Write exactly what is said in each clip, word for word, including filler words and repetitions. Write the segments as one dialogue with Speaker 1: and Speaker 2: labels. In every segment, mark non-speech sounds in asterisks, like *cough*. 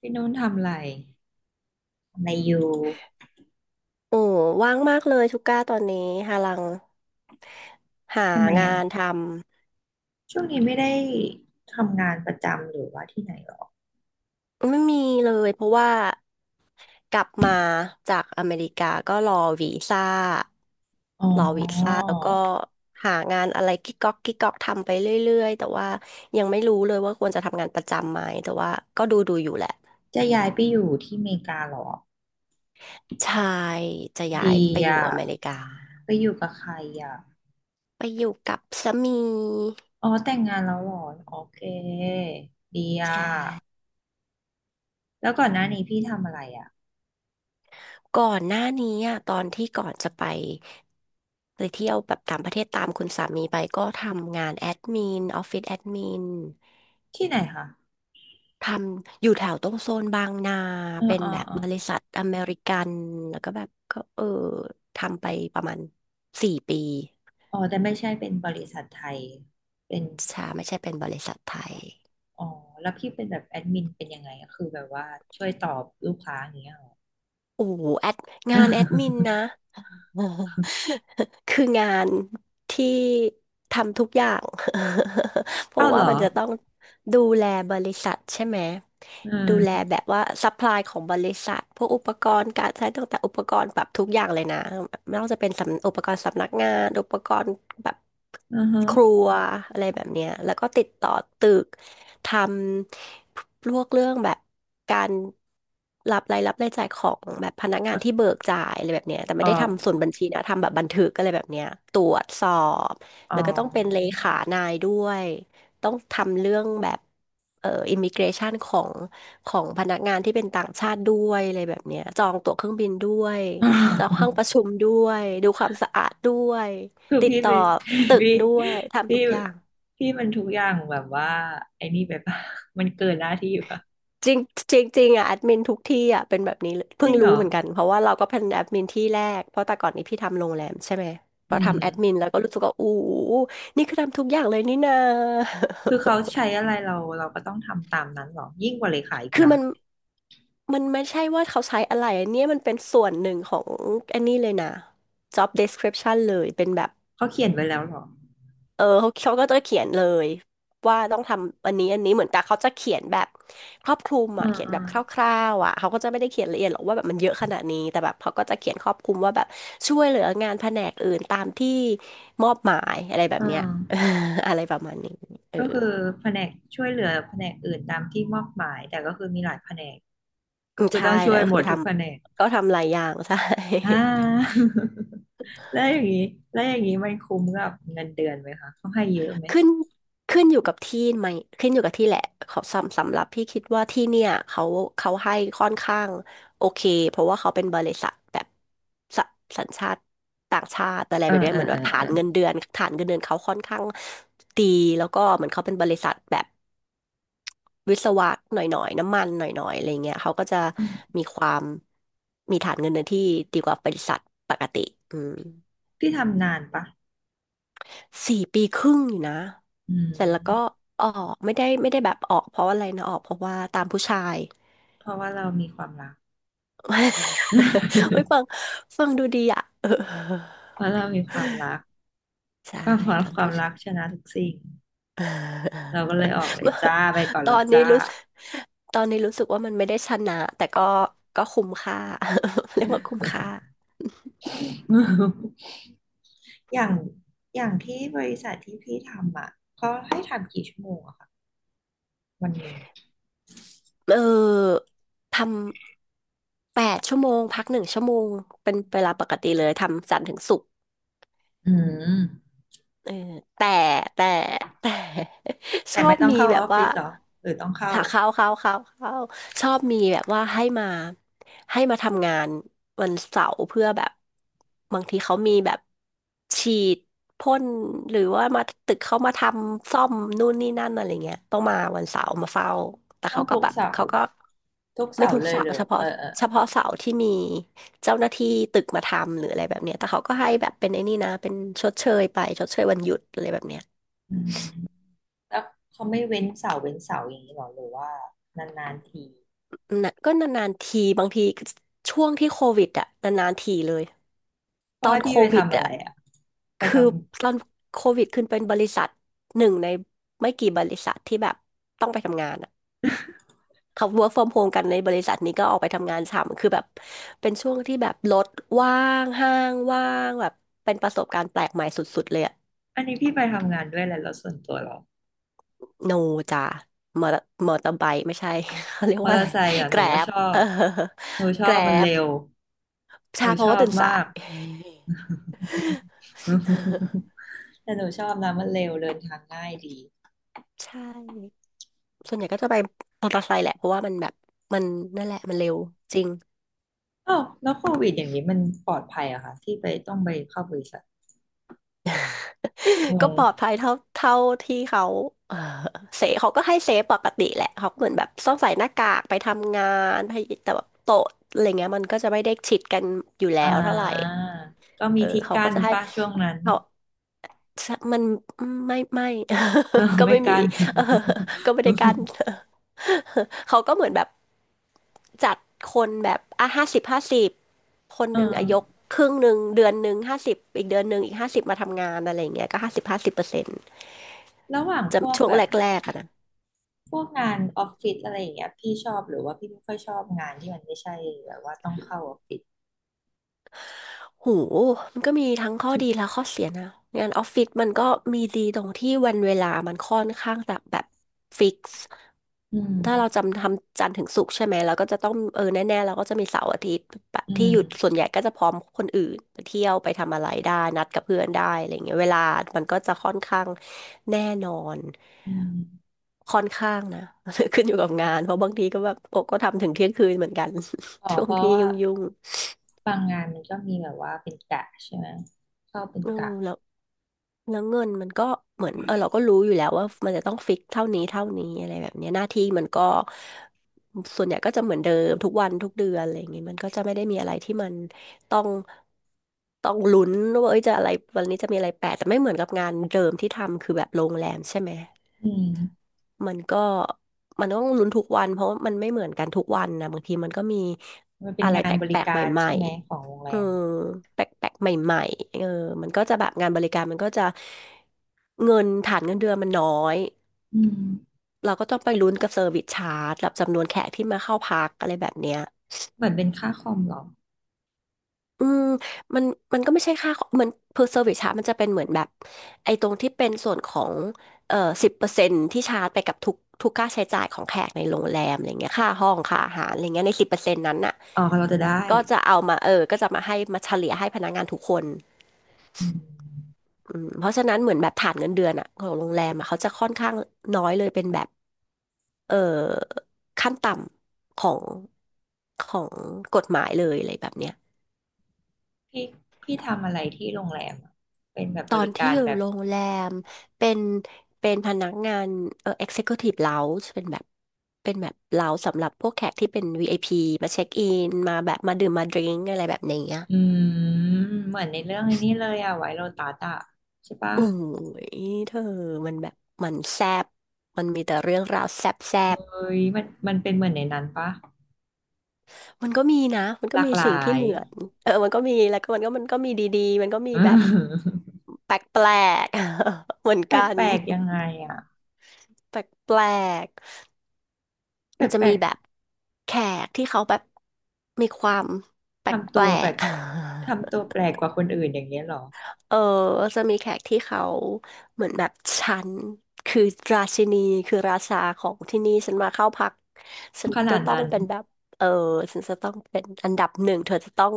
Speaker 1: พี่นุ่นทำอะไรทำอะไรอยู่
Speaker 2: โอ้ว่างมากเลยทุกก้าตอนนี้หาลังหา
Speaker 1: ทำไม
Speaker 2: งา
Speaker 1: อ่ะ
Speaker 2: นทำ
Speaker 1: ช่วงนี้ไม่ได้ทำงานประจำหรือว่าที่ไหนหรอ
Speaker 2: ไม่มีเลยเพราะว่ากลับมาจากอเมริกาก็รอวีซ่า
Speaker 1: อ๋อ
Speaker 2: แล้วก็หางานอะไรกิ๊กก๊อกกิ๊กก๊อกทำไปเรื่อยๆแต่ว่ายังไม่รู้เลยว่าควรจะทำงานประจำไหมแต่ว่าก็ดูดูอยู่แหละ
Speaker 1: จะย้ายไปอยู่ที่อเมริกาเหรอ
Speaker 2: ใช่จะย้าย
Speaker 1: ดี
Speaker 2: ไปอยู่
Speaker 1: อ่ะ
Speaker 2: อเมริกา
Speaker 1: ไปอยู่กับใครอ่ะ
Speaker 2: ไปอยู่กับสามี
Speaker 1: อ๋อแต่งงานแล้วเหรอโอเคดีอ่ะ
Speaker 2: ใช่
Speaker 1: แล้วก่อนหน้านี้พี่ทำอะไรอ่ะ
Speaker 2: ก่อนหน้านี้อะตอนที่ก่อนจะไปไปเที่ยวแบบต่างประเทศตามคุณสามีไปก็ทำงานแอดมินออฟฟิศแอดมิน
Speaker 1: ที่ไหนคะ
Speaker 2: ทำอยู่แถวตรงโซนบางนา
Speaker 1: อ๋อ
Speaker 2: เป็น
Speaker 1: อ๋อ
Speaker 2: แบบ
Speaker 1: อ๋อ
Speaker 2: บริษัทอเมริกันแล้วก็แบบก็เออทำไปประมาณสี่ปี
Speaker 1: อ๋อ แต่ไม่ใช่เป็นบริษัทไทยเป็น
Speaker 2: ชาไม่ใช่เป็นบริษัทไทย
Speaker 1: อ๋อแล้วพี่เป็นแบบแอดมินเป็นยังไงอะคือแบบว่าช่วยตอบลูกค้าอย่างเงี้ยเหรอ
Speaker 2: โอ้โหแอดงานแอดมินนะ
Speaker 1: *laughs*
Speaker 2: *laughs* คืองานที่ทำทุกอย่าง *laughs* เพราะ
Speaker 1: อ้าวเห
Speaker 2: ว่า
Speaker 1: รอ
Speaker 2: มันจะต้องดูแลบริษัทใช่ไหม
Speaker 1: อื
Speaker 2: ดูแล
Speaker 1: ม
Speaker 2: แบบว่าซัพพลายของบริษัทพวกอุปกรณ์การใช้ตั้งแต่อุปกรณ์แบบทุกอย่างเลยนะไม่ว่าจะเป็นสำอุปกรณ์สำนักงานอุปกรณ์แบบ
Speaker 1: อือฮะ
Speaker 2: ครัวอะไรแบบเนี้ยแล้วก็ติดต่อตึก ทำพวกเรื่องแบบการรับรายรับรายจ่ายของแบบพนักงานที่เบิกจ่ายอะไรแบบเนี้ยแต่
Speaker 1: เอ
Speaker 2: ไม่ได้
Speaker 1: อ
Speaker 2: ทำส่วนบัญชีนะทำแบบบันทึกอะไรแบบเนี้ยตรวจสอบ
Speaker 1: อ๋อ
Speaker 2: แล้วก็ต้องเป็นเลขานายด้วยต้องทำเรื่องแบบเอ่ออิมิเกรชันของของพนักงานที่เป็นต่างชาติด้วยอะไรแบบเนี้ยจองตั๋วเครื่องบินด้วยจองห้องประ
Speaker 1: *laughs*
Speaker 2: ชุมด้วยดูความสะอาดด้วย
Speaker 1: คือ
Speaker 2: ติด
Speaker 1: พี่ไป
Speaker 2: ต่อตึก
Speaker 1: พี่
Speaker 2: ด้วยทำ
Speaker 1: พี่
Speaker 2: ทุกอย่าง
Speaker 1: พี่มันทุกอย่างแบบว่าไอ้นี่ไปปะมันเกินหน้าที่ปะ
Speaker 2: จริงจริงจริงอ่ะแอดมินทุกที่อ่ะเป็นแบบนี้เลย
Speaker 1: จ
Speaker 2: เพิ่
Speaker 1: ริ
Speaker 2: ง
Speaker 1: งเหร
Speaker 2: รู้
Speaker 1: อ
Speaker 2: เหมือนกันเพราะว่าเราก็เป็นแอดมินที่แรกเพราะแต่ก่อนนี้พี่ทำโรงแรมใช่ไหมพ
Speaker 1: อื
Speaker 2: อ
Speaker 1: ม
Speaker 2: ทำแอดมินแล้วก็รู้สึกว่าอู้นี่คือทำทุกอย่างเลยนี่นา
Speaker 1: คือเขาใช้อะไรเราเราก็ต้องทำตามนั้นเหรอ ยิ่งกว่าเลขาอีก
Speaker 2: *laughs* คือ
Speaker 1: นะ
Speaker 2: มันมันไม่ใช่ว่าเขาใช้อะไรอันเนี้ยมันเป็นส่วนหนึ่งของอันนี้เลยนะ job description เลยเป็นแบบ
Speaker 1: เขาเขียนไว้แล้วเหรอ
Speaker 2: เออเขาเขาก็จะเขียนเลยว่าต้องทำอันนี้อันนี้เหมือนกับเขาจะเขียนแบบครอบคลุม
Speaker 1: อื
Speaker 2: อ่ะ
Speaker 1: ม
Speaker 2: เขียน
Speaker 1: อื
Speaker 2: แบ
Speaker 1: ม
Speaker 2: บคร่าวๆอ่ะเขาก็จะไม่ได้เขียนละเอียดหรอกว่าแบบมันเยอะขนาดนี้แต่แบบเขาก็จะเขียนครอบคลุมว่าแบบช่วยเหลืองานแผนกอื่นตามที่มอบหมายอะไรแบ
Speaker 1: อื
Speaker 2: บเนี้ย
Speaker 1: ม
Speaker 2: *laughs* อะไรประมาณนี้เออ
Speaker 1: ก็คือแผนกช่วยเหลือแผนกอื่นตามที่มอบหมายแต่ก็คือมีหลายแผนก
Speaker 2: อื
Speaker 1: ก็
Speaker 2: ม
Speaker 1: คือ
Speaker 2: ใช่
Speaker 1: ต้องช่
Speaker 2: แล้
Speaker 1: ว
Speaker 2: ว
Speaker 1: ย
Speaker 2: ก็
Speaker 1: หม
Speaker 2: คือ
Speaker 1: ด
Speaker 2: ท
Speaker 1: ทุกแผนก
Speaker 2: ำก็ทำหลายอย่าง *laughs* ใช่
Speaker 1: อ่า *laughs* แล้วอย่างนี้แล้วอย่างนี้มันคุ้มกับเงินเดือนไหมคะเขาให้เยอะไหม
Speaker 2: ขึ้นขึ้นอยู่กับที่ไหมขึ้นอยู่กับที่แหละเขาสำสำหรับพี่คิดว่าที่เนี่ยเขาเขาให้ค่อนข้างโอเคเพราะว่าเขาเป็นบริษัทแบบสสัญชาติต่างชาติอะไร
Speaker 1: เอ
Speaker 2: แบ
Speaker 1: อ
Speaker 2: บเนี้ย
Speaker 1: เออ
Speaker 2: เหมือน
Speaker 1: เอ
Speaker 2: แบ
Speaker 1: อ
Speaker 2: บฐา
Speaker 1: เออ
Speaker 2: นเงินเดือนฐานเงินเดือนเขาค่อนข้างดีแล้วก็เหมือนเขาเป็นบริษัทแบบวิศวะหน่อยๆน้ำมันหน่อยๆอะไรเงี้ยเขาก็จะ
Speaker 1: อืม
Speaker 2: มีความมีฐานเงินเดือนที่ดีกว่าบริษัทปกติอืม
Speaker 1: พี่ทำนานปะ
Speaker 2: สี่ปีครึ่งอยู่นะ
Speaker 1: อืม
Speaker 2: เสร็จแล้วก็ออกไม่ได้ไม่ได้แบบออกเพราะอะไรนะออกเพราะว่าตามผู้ชาย
Speaker 1: เพราะว่าเรามีความรัก
Speaker 2: *laughs* ไว้ยฟัง
Speaker 1: *laughs*
Speaker 2: ฟังดูดีอ่ะ *laughs* เออ
Speaker 1: เพราะเรามีความรัก
Speaker 2: ใช่
Speaker 1: ความรัก
Speaker 2: ตาม
Speaker 1: ความ
Speaker 2: ผู้
Speaker 1: รั
Speaker 2: ชา
Speaker 1: ก
Speaker 2: ย
Speaker 1: ชนะทุกสิ่งเราก็
Speaker 2: *laughs*
Speaker 1: เลยออกเลยจ้าไปก่อน
Speaker 2: ตอ
Speaker 1: แล้ว
Speaker 2: นนี้
Speaker 1: จ้า
Speaker 2: รู้สึกตอนนี้รู้สึกว่ามันไม่ได้ชนะแต่ก็ก็คุ้มค่า *laughs* เรียกว่าคุ้มค่า
Speaker 1: *laughs* อย่างอย่างที่บริษัทที่พี่ทำอ่ะเขาให้ทำกี่ชั่วโมงอะคะวันหนึ่ง
Speaker 2: เออทำแปดชั่วโมงพักหนึ่งชั่วโมงเป็นเวลาปกติเลยทำจันทร์ถึงศุกร์
Speaker 1: อืม
Speaker 2: เออแต่แต่แต่ *laughs* ช
Speaker 1: แต่
Speaker 2: อ
Speaker 1: ไม่
Speaker 2: บ
Speaker 1: ต้อง
Speaker 2: มี
Speaker 1: เข้า
Speaker 2: แบ
Speaker 1: อ
Speaker 2: บ
Speaker 1: อฟฟิ
Speaker 2: ว่า
Speaker 1: ศเหรอหรือต้องเข้า
Speaker 2: ถ้าเข้าเข้าเข้าเข้าชอบมีแบบว่าให้มาให้มาทำงานวันเสาร์เพื่อแบบบางทีเขามีแบบฉีดพ่นหรือว่ามาตึกเขามาทำซ่อมนู่นนี่นั่นอะไรเงี้ยต้องมาวันเสาร์มาเฝ้าแต่
Speaker 1: ต้อง
Speaker 2: เขาก็
Speaker 1: ทุก
Speaker 2: แบบ
Speaker 1: เสาร์
Speaker 2: เขาก็
Speaker 1: ทุก
Speaker 2: ไม่
Speaker 1: เสาร์
Speaker 2: ทุก
Speaker 1: เลย
Speaker 2: เสา
Speaker 1: เหร
Speaker 2: ร์
Speaker 1: อ
Speaker 2: เฉ
Speaker 1: เอ
Speaker 2: พาะ
Speaker 1: อเออเอ
Speaker 2: เฉ
Speaker 1: อ
Speaker 2: พาะเสาร์ที่มีเจ้าหน้าที่ตึกมาทำหรืออะไรแบบเนี้ยแต่เขาก็ให้แบบเป็นไอ้นี่นะเป็นชดเชยไปชดเชยวันหยุดอะไรแบบเนี้ย
Speaker 1: อืมแล้วเขาไม่เว้นเสาร์เว้นเสาร์อย่างนี้หรอหรือว่านานๆที
Speaker 2: นะก็นานๆทีบางทีช่วงที่โควิดอะนานๆทีเลยต
Speaker 1: เขา
Speaker 2: อ
Speaker 1: ให้
Speaker 2: นโค
Speaker 1: พี่ไป
Speaker 2: วิด
Speaker 1: ทำอะ
Speaker 2: อะ
Speaker 1: ไรอ่ะไป
Speaker 2: คือ
Speaker 1: ทำ
Speaker 2: ตอนโควิดขึ้นเป็นบริษัทหนึ่งในไม่กี่บริษัทที่แบบต้องไปทำงานอะเขา work from home กันในบริษัทนี้ก็ออกไปทำงานฉ่ำคือแบบเป็นช่วงที่แบบรถว่างห้างว่างแบบเป็นประสบการณ์แปลกใหม่สุดๆเลยอะ
Speaker 1: อันนี้พี่ไปทำงานด้วยอะไรแล้วส่วนตัวเหรอ
Speaker 2: โนจ้ามอเตอร์มอเตอร์ไบค์ไม่ใช่ *laughs* เขาเรียก
Speaker 1: มอ
Speaker 2: ว่า
Speaker 1: เตอ
Speaker 2: อะไร
Speaker 1: ร์ไซค์อ่ะ
Speaker 2: แก
Speaker 1: หนู
Speaker 2: ร็
Speaker 1: ก็ช
Speaker 2: บ
Speaker 1: อ
Speaker 2: เออ
Speaker 1: บหนูช
Speaker 2: แก
Speaker 1: อบ
Speaker 2: ร็
Speaker 1: มัน
Speaker 2: บ
Speaker 1: เร็วห
Speaker 2: ใช่
Speaker 1: นู
Speaker 2: เพ
Speaker 1: ช
Speaker 2: ราะ
Speaker 1: อ
Speaker 2: ว่า
Speaker 1: บ
Speaker 2: ตื่นสา
Speaker 1: มา
Speaker 2: ย
Speaker 1: ก
Speaker 2: *laughs*
Speaker 1: *laughs* แต่หนูชอบนะมันเร็วเดินทางง่ายดี
Speaker 2: ใช่ ส่วนใหญ่ก็จะไปมอเตอร์ไซค์แหละเพราะว่ามันแบบมันนั่นแหละมันเร็วจริง
Speaker 1: อ้าวแล้วโควิดอย่างนี้มันปลอดภัยเหรอะคะที่ไปต้องไปเข้าบริษัทง
Speaker 2: *laughs* ก็
Speaker 1: ง
Speaker 2: ปลอดภัยเท่าเท่าที่เขาเออเซฟเขาก็ให้เซฟปกติแหละเขาก็เหมือนแบบต้องใส่หน้ากากไปทำงานไปแต่แบบโต๊ะอะไรเงี้ยมันก็จะไม่ได้ชิดกันอยู่แล้
Speaker 1: อ่
Speaker 2: วเท่าไหร่
Speaker 1: าก็
Speaker 2: เอ
Speaker 1: มี
Speaker 2: อ
Speaker 1: ที่
Speaker 2: เขาก็
Speaker 1: กั้น
Speaker 2: จะให้
Speaker 1: ป่ะช่วงนั้น
Speaker 2: เขา สะมันไม่ไม่
Speaker 1: *laughs* เออ
Speaker 2: *laughs* ก็
Speaker 1: ไม่
Speaker 2: ไม่มี
Speaker 1: กัน
Speaker 2: *laughs* เออก็ไม่ได้กั้น
Speaker 1: *laughs*
Speaker 2: *laughs* เขาก็เหมือนแบบจัดคนแบบอ่ะห้าสิบห้าสิบคน
Speaker 1: เออ
Speaker 2: หนึ่งอายกครึ่งหนึ่งเดือนหนึ่งห้าสิบอีกเดือนหนึ่งอีกห้าสิบมาทำงานอะไรอย่างเงี้ยก็ห้าสิบห้าสิบเปอร์เซ็นต์
Speaker 1: ระหว่าง
Speaker 2: จะ
Speaker 1: พวก
Speaker 2: ช่วง
Speaker 1: แบ
Speaker 2: แ
Speaker 1: บ
Speaker 2: รกๆอะนะ
Speaker 1: พวกงานออฟฟิศอะไรอย่างเงี้ยพี่ชอบหรือว่าพี่ไม่ค่อยชอบงานที่มันไม่ใช่แบบว่าต้องเข้าออฟฟิศ
Speaker 2: หูมันก็มีทั้งข้อดีและข้อเสียนะงานออฟฟิศมันก็มีดีตรงที่วันเวลามันค่อนข้างแบบแบบฟิกซ์
Speaker 1: อืม
Speaker 2: ถ้าเราจำทำจันทร์ถึงศุกร์ใช่ไหมเราก็จะต้องเออแน่ๆเราก็จะมีเสาร์อาทิตย์แบบ
Speaker 1: อื
Speaker 2: ที่หยุด
Speaker 1: ม
Speaker 2: ส่วนใหญ่ก็จะพร้อมคนอื่นไปเที่ยวไปทำอะไรได้นัดกับเพื่อนได้อะไรเงี้ยเวลามันก็จะค่อนข้างแน่นอน
Speaker 1: อืม
Speaker 2: ค่อนข้างนะ *laughs* ขึ้นอยู่กับงานเพราะบางทีก็แบบโอ้ก็ทำถึงเที่ยงคืนเหมือนกัน
Speaker 1: อ๋อ
Speaker 2: *laughs* ช่ว
Speaker 1: เพ
Speaker 2: ง
Speaker 1: ราะ
Speaker 2: ที่
Speaker 1: ว่า
Speaker 2: ยุ่ง
Speaker 1: บางงานมันก็มีแบบว่าเป็นกะใช่ไหมเข้าเป็
Speaker 2: ๆ
Speaker 1: น
Speaker 2: เออ
Speaker 1: กะ
Speaker 2: แล้ว แล้วเงินมันก็เหมือนเออเราก็รู้อยู่แล้วว่ามันจะต้องฟิกเท่านี้เท่านี้อะไรแบบเนี้ยหน้าที่มันก็ส่วนใหญ่ก็จะเหมือนเดิมทุกวันทุกเดือนอะไรอย่างเงี้ยมันก็จะไม่ได้มีอะไรที่มันต้องต้องลุ้นว่าเอ้ยจะอะไรวันนี้จะมีอะไรแปลกแต่ไม่เหมือนกับงานเดิมที่ทำคือแบบโรงแรมใช่ไหม
Speaker 1: อืม
Speaker 2: มันก็มันต้องลุ้นทุกวันเพราะมันไม่เหมือนกันทุกวันนะบางทีมันก็มี
Speaker 1: มันเป็น
Speaker 2: อะไร
Speaker 1: งาน
Speaker 2: แป
Speaker 1: บริ
Speaker 2: ลกๆใ
Speaker 1: การ
Speaker 2: หม่
Speaker 1: ใช่ไหมของโรง
Speaker 2: ๆ
Speaker 1: แร
Speaker 2: เออ
Speaker 1: ม
Speaker 2: แปลกๆใหม่ๆเออมันก็จะแบบงานบริการมันก็จะเงินฐานเงินเดือนมันน้อย
Speaker 1: อืม
Speaker 2: เราก็ต้องไปลุ้นกับเซอร์วิสชาร์จกับจำนวนแขกที่มาเข้าพักอะไรแบบเนี้ย
Speaker 1: เหมือนเป็นค่าคอมเหรอ
Speaker 2: อืมมันมันก็ไม่ใช่ค่าเหมือน per service ชาร์จมันจะเป็นเหมือนแบบไอ้ตรงที่เป็นส่วนของเอ่อสิบเปอร์เซ็นต์ที่ชาร์จไปกับทุกทุกค่าใช้จ่ายของแขกในโรงแรมอะไรเงี้ยค่าห้องค่าอาหารอะไรเงี้ยในสิบเปอร์เซ็นต์นั้นน่ะ
Speaker 1: อ๋อเราจะได้
Speaker 2: ก็จะเอามาเออก็จะมาให้มาเฉลี่ยให้พนักงานทุกคน
Speaker 1: อืม
Speaker 2: อืมเพราะฉะนั้นเหมือนแบบฐานเงินเดือนอ่ะของโรงแรมอ่ะเขาจะค่อนข้างน้อยเลยเป็นแบบเอ่อขั้นต่ำของของกฎหมายเลยอะไรแบบเนี้ย
Speaker 1: พี่พี่ทำอะไรที่โรงแรมอะเป็นแบบ
Speaker 2: ต
Speaker 1: บ
Speaker 2: อน
Speaker 1: ริ
Speaker 2: ที่
Speaker 1: การ
Speaker 2: อยู่
Speaker 1: แบบ
Speaker 2: โรงแรมเป็นเป็นพนักงานเอ่อ Executive Lounge เป็นแบบเป็นแบบเลาสำหรับพวกแขกที่เป็น วี ไอ พี มาเช็คอินมาแบบมาดื่มมาดริงอะไรแบบนี้อะ
Speaker 1: อืมเหมือนในเรื่องไอ้นี่เลยอะไวโรตัสอะใช่ปะ
Speaker 2: โอ้ยเธอมันแบบมันแซบมันมีแต่เรื่องราวแซบแซบ
Speaker 1: เฮ้ยมันมันเป็นเหมือนในนั้นปะ
Speaker 2: มันก็มีนะมันก็
Speaker 1: หลาก
Speaker 2: มี
Speaker 1: ห
Speaker 2: สิ่ง
Speaker 1: ลา
Speaker 2: ที่
Speaker 1: ย
Speaker 2: เหมือนเออมันก็มีแล้วก็มันก็มันก็มีดีๆมันก็มี
Speaker 1: *laughs* อื
Speaker 2: แบบ
Speaker 1: ม
Speaker 2: แปลกๆ *laughs* เหมือน
Speaker 1: แป
Speaker 2: กัน
Speaker 1: ลกๆยังไงอะ
Speaker 2: แปลกๆมันจะ
Speaker 1: แปล
Speaker 2: มี
Speaker 1: ก
Speaker 2: แบบ แขกที่เขาแบบมีความแป
Speaker 1: ๆทำตั
Speaker 2: ล
Speaker 1: วแปล
Speaker 2: ก
Speaker 1: ก
Speaker 2: ๆ
Speaker 1: ทำตัว
Speaker 2: *laughs*
Speaker 1: แปลกกว่าคนอื่นอย่างเงี้ยเหรอ
Speaker 2: เออจะมีแขกที่เขาเหมือนแบบฉันคือราชินีคือราชาของที่นี่ฉันมาเข้าพักฉัน
Speaker 1: ข
Speaker 2: จะ
Speaker 1: นาด
Speaker 2: ต้อง
Speaker 1: นั้น
Speaker 2: เป็นแบบเออฉันจะต้องเป็นอันดับหนึ่งเธอจะต้อง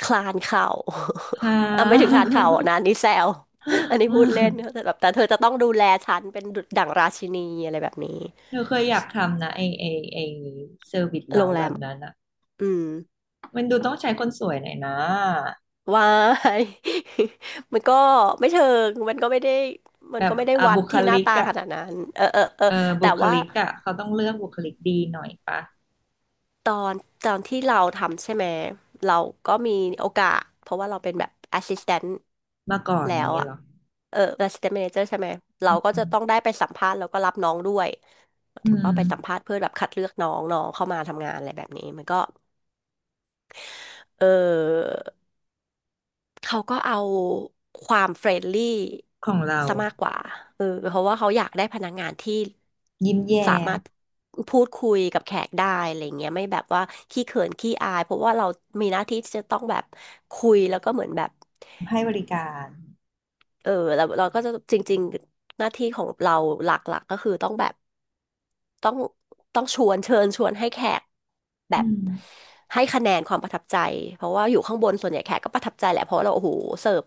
Speaker 2: คลานเข่า
Speaker 1: ฮา
Speaker 2: *laughs* อ่ะไม่ถึงคลานเข่าอ่นะอันนี่แซว *laughs* อันนี้พูดเล่นแต่แบบแต่เธอจะต้องดูแลฉันเป็นดุจดั่งราชินีอะไรแบบนี้
Speaker 1: เรา *laughs* เคยอยากทำนะไอไอไอเซอร์วิส
Speaker 2: โร
Speaker 1: เรา
Speaker 2: งแร
Speaker 1: แบ
Speaker 2: ม
Speaker 1: บนั้นอะ
Speaker 2: อืม
Speaker 1: มันดูต้องใช้คนสวยหน่อยนะ
Speaker 2: วาย *laughs* มันก็ไม่เชิงมันก็ไม่ได้มั
Speaker 1: แบ
Speaker 2: น
Speaker 1: บ
Speaker 2: ก็ไม่ได้
Speaker 1: อ่ะ
Speaker 2: วัด
Speaker 1: บุค
Speaker 2: ที่ห
Speaker 1: ลิ
Speaker 2: น้า
Speaker 1: ก
Speaker 2: ตา
Speaker 1: อะ
Speaker 2: ขนาดนั้นเออเออเออ
Speaker 1: เออ
Speaker 2: แต่
Speaker 1: บุค
Speaker 2: ว่า
Speaker 1: ลิกอ่ะเขาต้องเลือกบุคลิกดีหน่อยปะ
Speaker 2: ตอนตอนที่เราทำใช่ไหมเราก็มีโอกาสเพราะว่าเราเป็นแบบ assistant
Speaker 1: มาก่อน
Speaker 2: แล้
Speaker 1: อย่าง
Speaker 2: ว
Speaker 1: เงี้ย
Speaker 2: อะ
Speaker 1: เหรอ
Speaker 2: เออ assistant manager ใช่ไหมเราก็จะต้องได้ไปสัมภาษณ์แล้วก็รับน้องด้วยหมาย
Speaker 1: อื
Speaker 2: ถึง
Speaker 1: ม
Speaker 2: ว่าไปสัมภาษณ์เพื่อแบบคัดเลือกน้องน้องเข้ามาทำงานอะไรแบบนี้มันก็เออ เขาก็เอาความเฟรนลี่
Speaker 1: ของเรา
Speaker 2: ซะมากกว่าเออเพราะว่าเขาอยากได้พนักงานที่
Speaker 1: ยิ้มแย้
Speaker 2: สามา
Speaker 1: ม
Speaker 2: รถพูดคุยกับแขกได้อะไรเงี้ยไม่แบบว่าขี้เขินขี้อายเพราะว่าเรามีหน้าที่ที่จะต้องแบบคุยแล้วก็เหมือนแบบ
Speaker 1: ให้บริการ
Speaker 2: เออเราเราก็จะจริงๆหน้าที่ของเราหลักๆก็คือต้องแบบ ต้องต้องชวนเชิญชวนให้แขกแบ
Speaker 1: อื
Speaker 2: บ
Speaker 1: ม
Speaker 2: ให้คะแนนความประทับใจเพราะว่าอยู่ข้างบนส่วนใหญ่แขกก็ประทับใจแหละเพราะเราโอ้โหเสิร์ฟ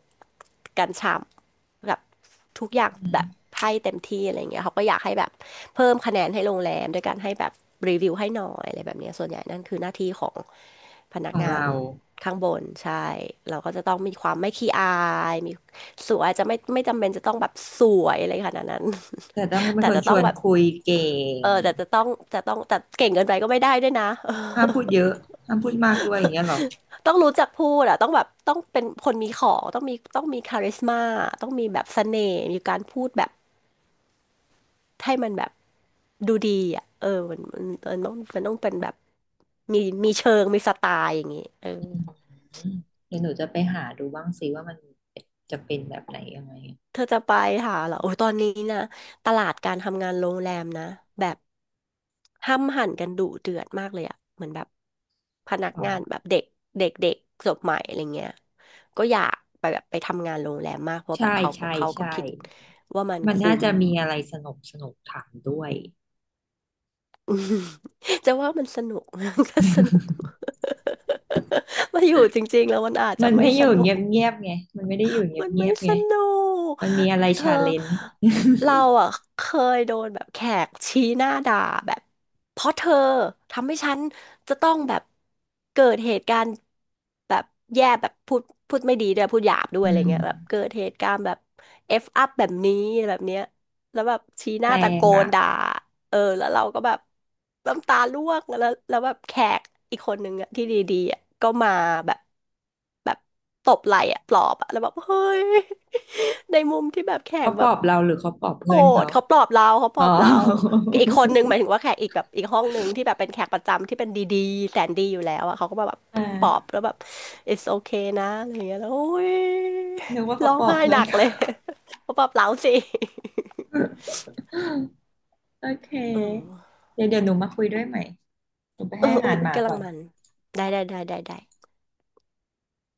Speaker 2: กันฉ่ำแบบทุกอย่าง
Speaker 1: อื
Speaker 2: แบ
Speaker 1: ม
Speaker 2: บให้เต็มที่อะไรเงี้ยเขาก็อยากให้แบบเพิ่มคะแนนให้โรงแรมด้วยการให้แบบรีวิวให้หน่อยอะไรแบบเนี้ยส่วนใหญ่นั่นคือหน้าที่ของพนั
Speaker 1: ข
Speaker 2: ก
Speaker 1: อง
Speaker 2: งาน
Speaker 1: เรา
Speaker 2: ข้างบนใช่เราก็จะต้องมีความไม่ขี้อายมีสวยจะไม่ไม่จำเป็นจะต้องแบบสวยอะไรขนาดนั้น
Speaker 1: แต่ต้อง
Speaker 2: *laughs*
Speaker 1: เป็น
Speaker 2: แต่
Speaker 1: คน
Speaker 2: จะ
Speaker 1: ช
Speaker 2: ต้อ
Speaker 1: ว
Speaker 2: ง
Speaker 1: น
Speaker 2: แบบ
Speaker 1: คุยเก่ง
Speaker 2: เออแต่จะต้องจะต้องแต่เก่งเกินไปก็ไม่ได้ด้วยนะ
Speaker 1: ห้ามพูด
Speaker 2: *laughs*
Speaker 1: เยอะห้ามพูดมากด้วยอย่างเงี้ยเหรอ
Speaker 2: ต้องรู้จักพูดอะต้องแบบต้องเป็นคนมีของต้องมีต้องมีคาริสมาต้องมีแบบเสน่ห์มีการพูดแบบให้มันแบบดูดีอะเออมันมันมันต้องมันต้องเป็นแบบมีมีเชิงมีสไตล์อย่างงี้เออ
Speaker 1: อืมเดี๋ยวหนูจะไปหาดูบ้างสิว่ามันจะเป็นแบบไหนยังไง
Speaker 2: เธอจะไปหาเหรอโอ้ยตอนนี้นะตลาดการทำงานโรงแรมนะแบบห้ำหั่นกันดุเดือดมากเลยอะเหมือนแบบพนัก
Speaker 1: อ๋อ
Speaker 2: งานแบบเด็กเด็กเด็กจบใหม่อะไรเงี้ยก็อยากไปแบบไปทำงานโรงแรมมากเพราะแบบ
Speaker 1: ใช่
Speaker 2: เขาก็
Speaker 1: ใช่
Speaker 2: เขาก็
Speaker 1: ใช่
Speaker 2: คิดว่ามัน
Speaker 1: มัน
Speaker 2: คุ้
Speaker 1: น่า
Speaker 2: ม
Speaker 1: จะมีอะไรสนุกสนุกถามด้วย
Speaker 2: *laughs* จะว่ามันสนุก *laughs* ก็สนุก *laughs* มาอยู่จริงๆแล้วมันอาจ
Speaker 1: *laughs*
Speaker 2: จะ
Speaker 1: มัน
Speaker 2: ไม่
Speaker 1: ไม่อ
Speaker 2: ส
Speaker 1: ยู่
Speaker 2: นุ
Speaker 1: เงียบ
Speaker 2: ก
Speaker 1: เงียบไงมันไม่ได้อยู่เงีย
Speaker 2: มั
Speaker 1: บ
Speaker 2: น
Speaker 1: เงี
Speaker 2: ไม่
Speaker 1: ยบ
Speaker 2: ส
Speaker 1: ไง
Speaker 2: นุก
Speaker 1: มันมีอะไร
Speaker 2: เธอ
Speaker 1: ชาเลนจ์
Speaker 2: เราอ่ะเคยโดนแบบแขกชี้หน้าด่าแบบเพราะเธอทำให้ฉันจะต้องแบบเกิดเหตุการณ์แบบแย่แบบพูดพูดไม่ดีด้วยพูดหยาบด้วย
Speaker 1: อื
Speaker 2: อะไร
Speaker 1: ม
Speaker 2: เงี้ยแบบเกิดเหตุการณ์แบบ F up แบบนี้แบบเนี้ยแล้วแบบชี้หน้า
Speaker 1: แร
Speaker 2: ตะโก
Speaker 1: ง
Speaker 2: น
Speaker 1: อ่ะ
Speaker 2: ด่า เออแล้วเราก็แบบน้ำตาร่วงแล้วแล้วแบบแขกอีกคนนึงอะที่ดีๆอะก็มาแบบแบบตบไหล่อะปลอบอะแล้วแบบเฮ้ย *laughs* ในมุมที่แบบแข
Speaker 1: เขา
Speaker 2: ก
Speaker 1: ป
Speaker 2: แบ
Speaker 1: ลอ
Speaker 2: บ
Speaker 1: บเราหรือเขาปลอบ
Speaker 2: โห
Speaker 1: เพื่อนเขา
Speaker 2: ดเขาปลอบเราเขาป
Speaker 1: อ๋
Speaker 2: ล
Speaker 1: อ
Speaker 2: อบเราอีกคนนึงหมายถึงว่าแขกอีกแบบอีกห้องนึงที่แบบเป็นแขกประจำที่เป็นดีๆแสนดีอยู่แล้วอะเขาก็มาแบบ
Speaker 1: *laughs* อ่า
Speaker 2: ปลอบแล้วแบบ it's okay นะอะไรอย่างเงี้ยแล้วโอ้ย
Speaker 1: นึกว่าเขา
Speaker 2: ร้อง
Speaker 1: ปลอบ
Speaker 2: ไห้
Speaker 1: เพื่อ
Speaker 2: หนั
Speaker 1: น
Speaker 2: กเลย
Speaker 1: เขา
Speaker 2: *laughs* เขาปลอบเราสิ
Speaker 1: *laughs* โอเ
Speaker 2: เอ
Speaker 1: ค
Speaker 2: อ
Speaker 1: เดี๋ยวเดี๋ยวหนูมาคุยด้วยใหม่หนูไป
Speaker 2: เออ
Speaker 1: ให้อา
Speaker 2: เออ
Speaker 1: หารห
Speaker 2: อุ๊ย
Speaker 1: มา
Speaker 2: กำลั
Speaker 1: ก่อ
Speaker 2: ง
Speaker 1: น
Speaker 2: มันได้ได้ได้ได้ได้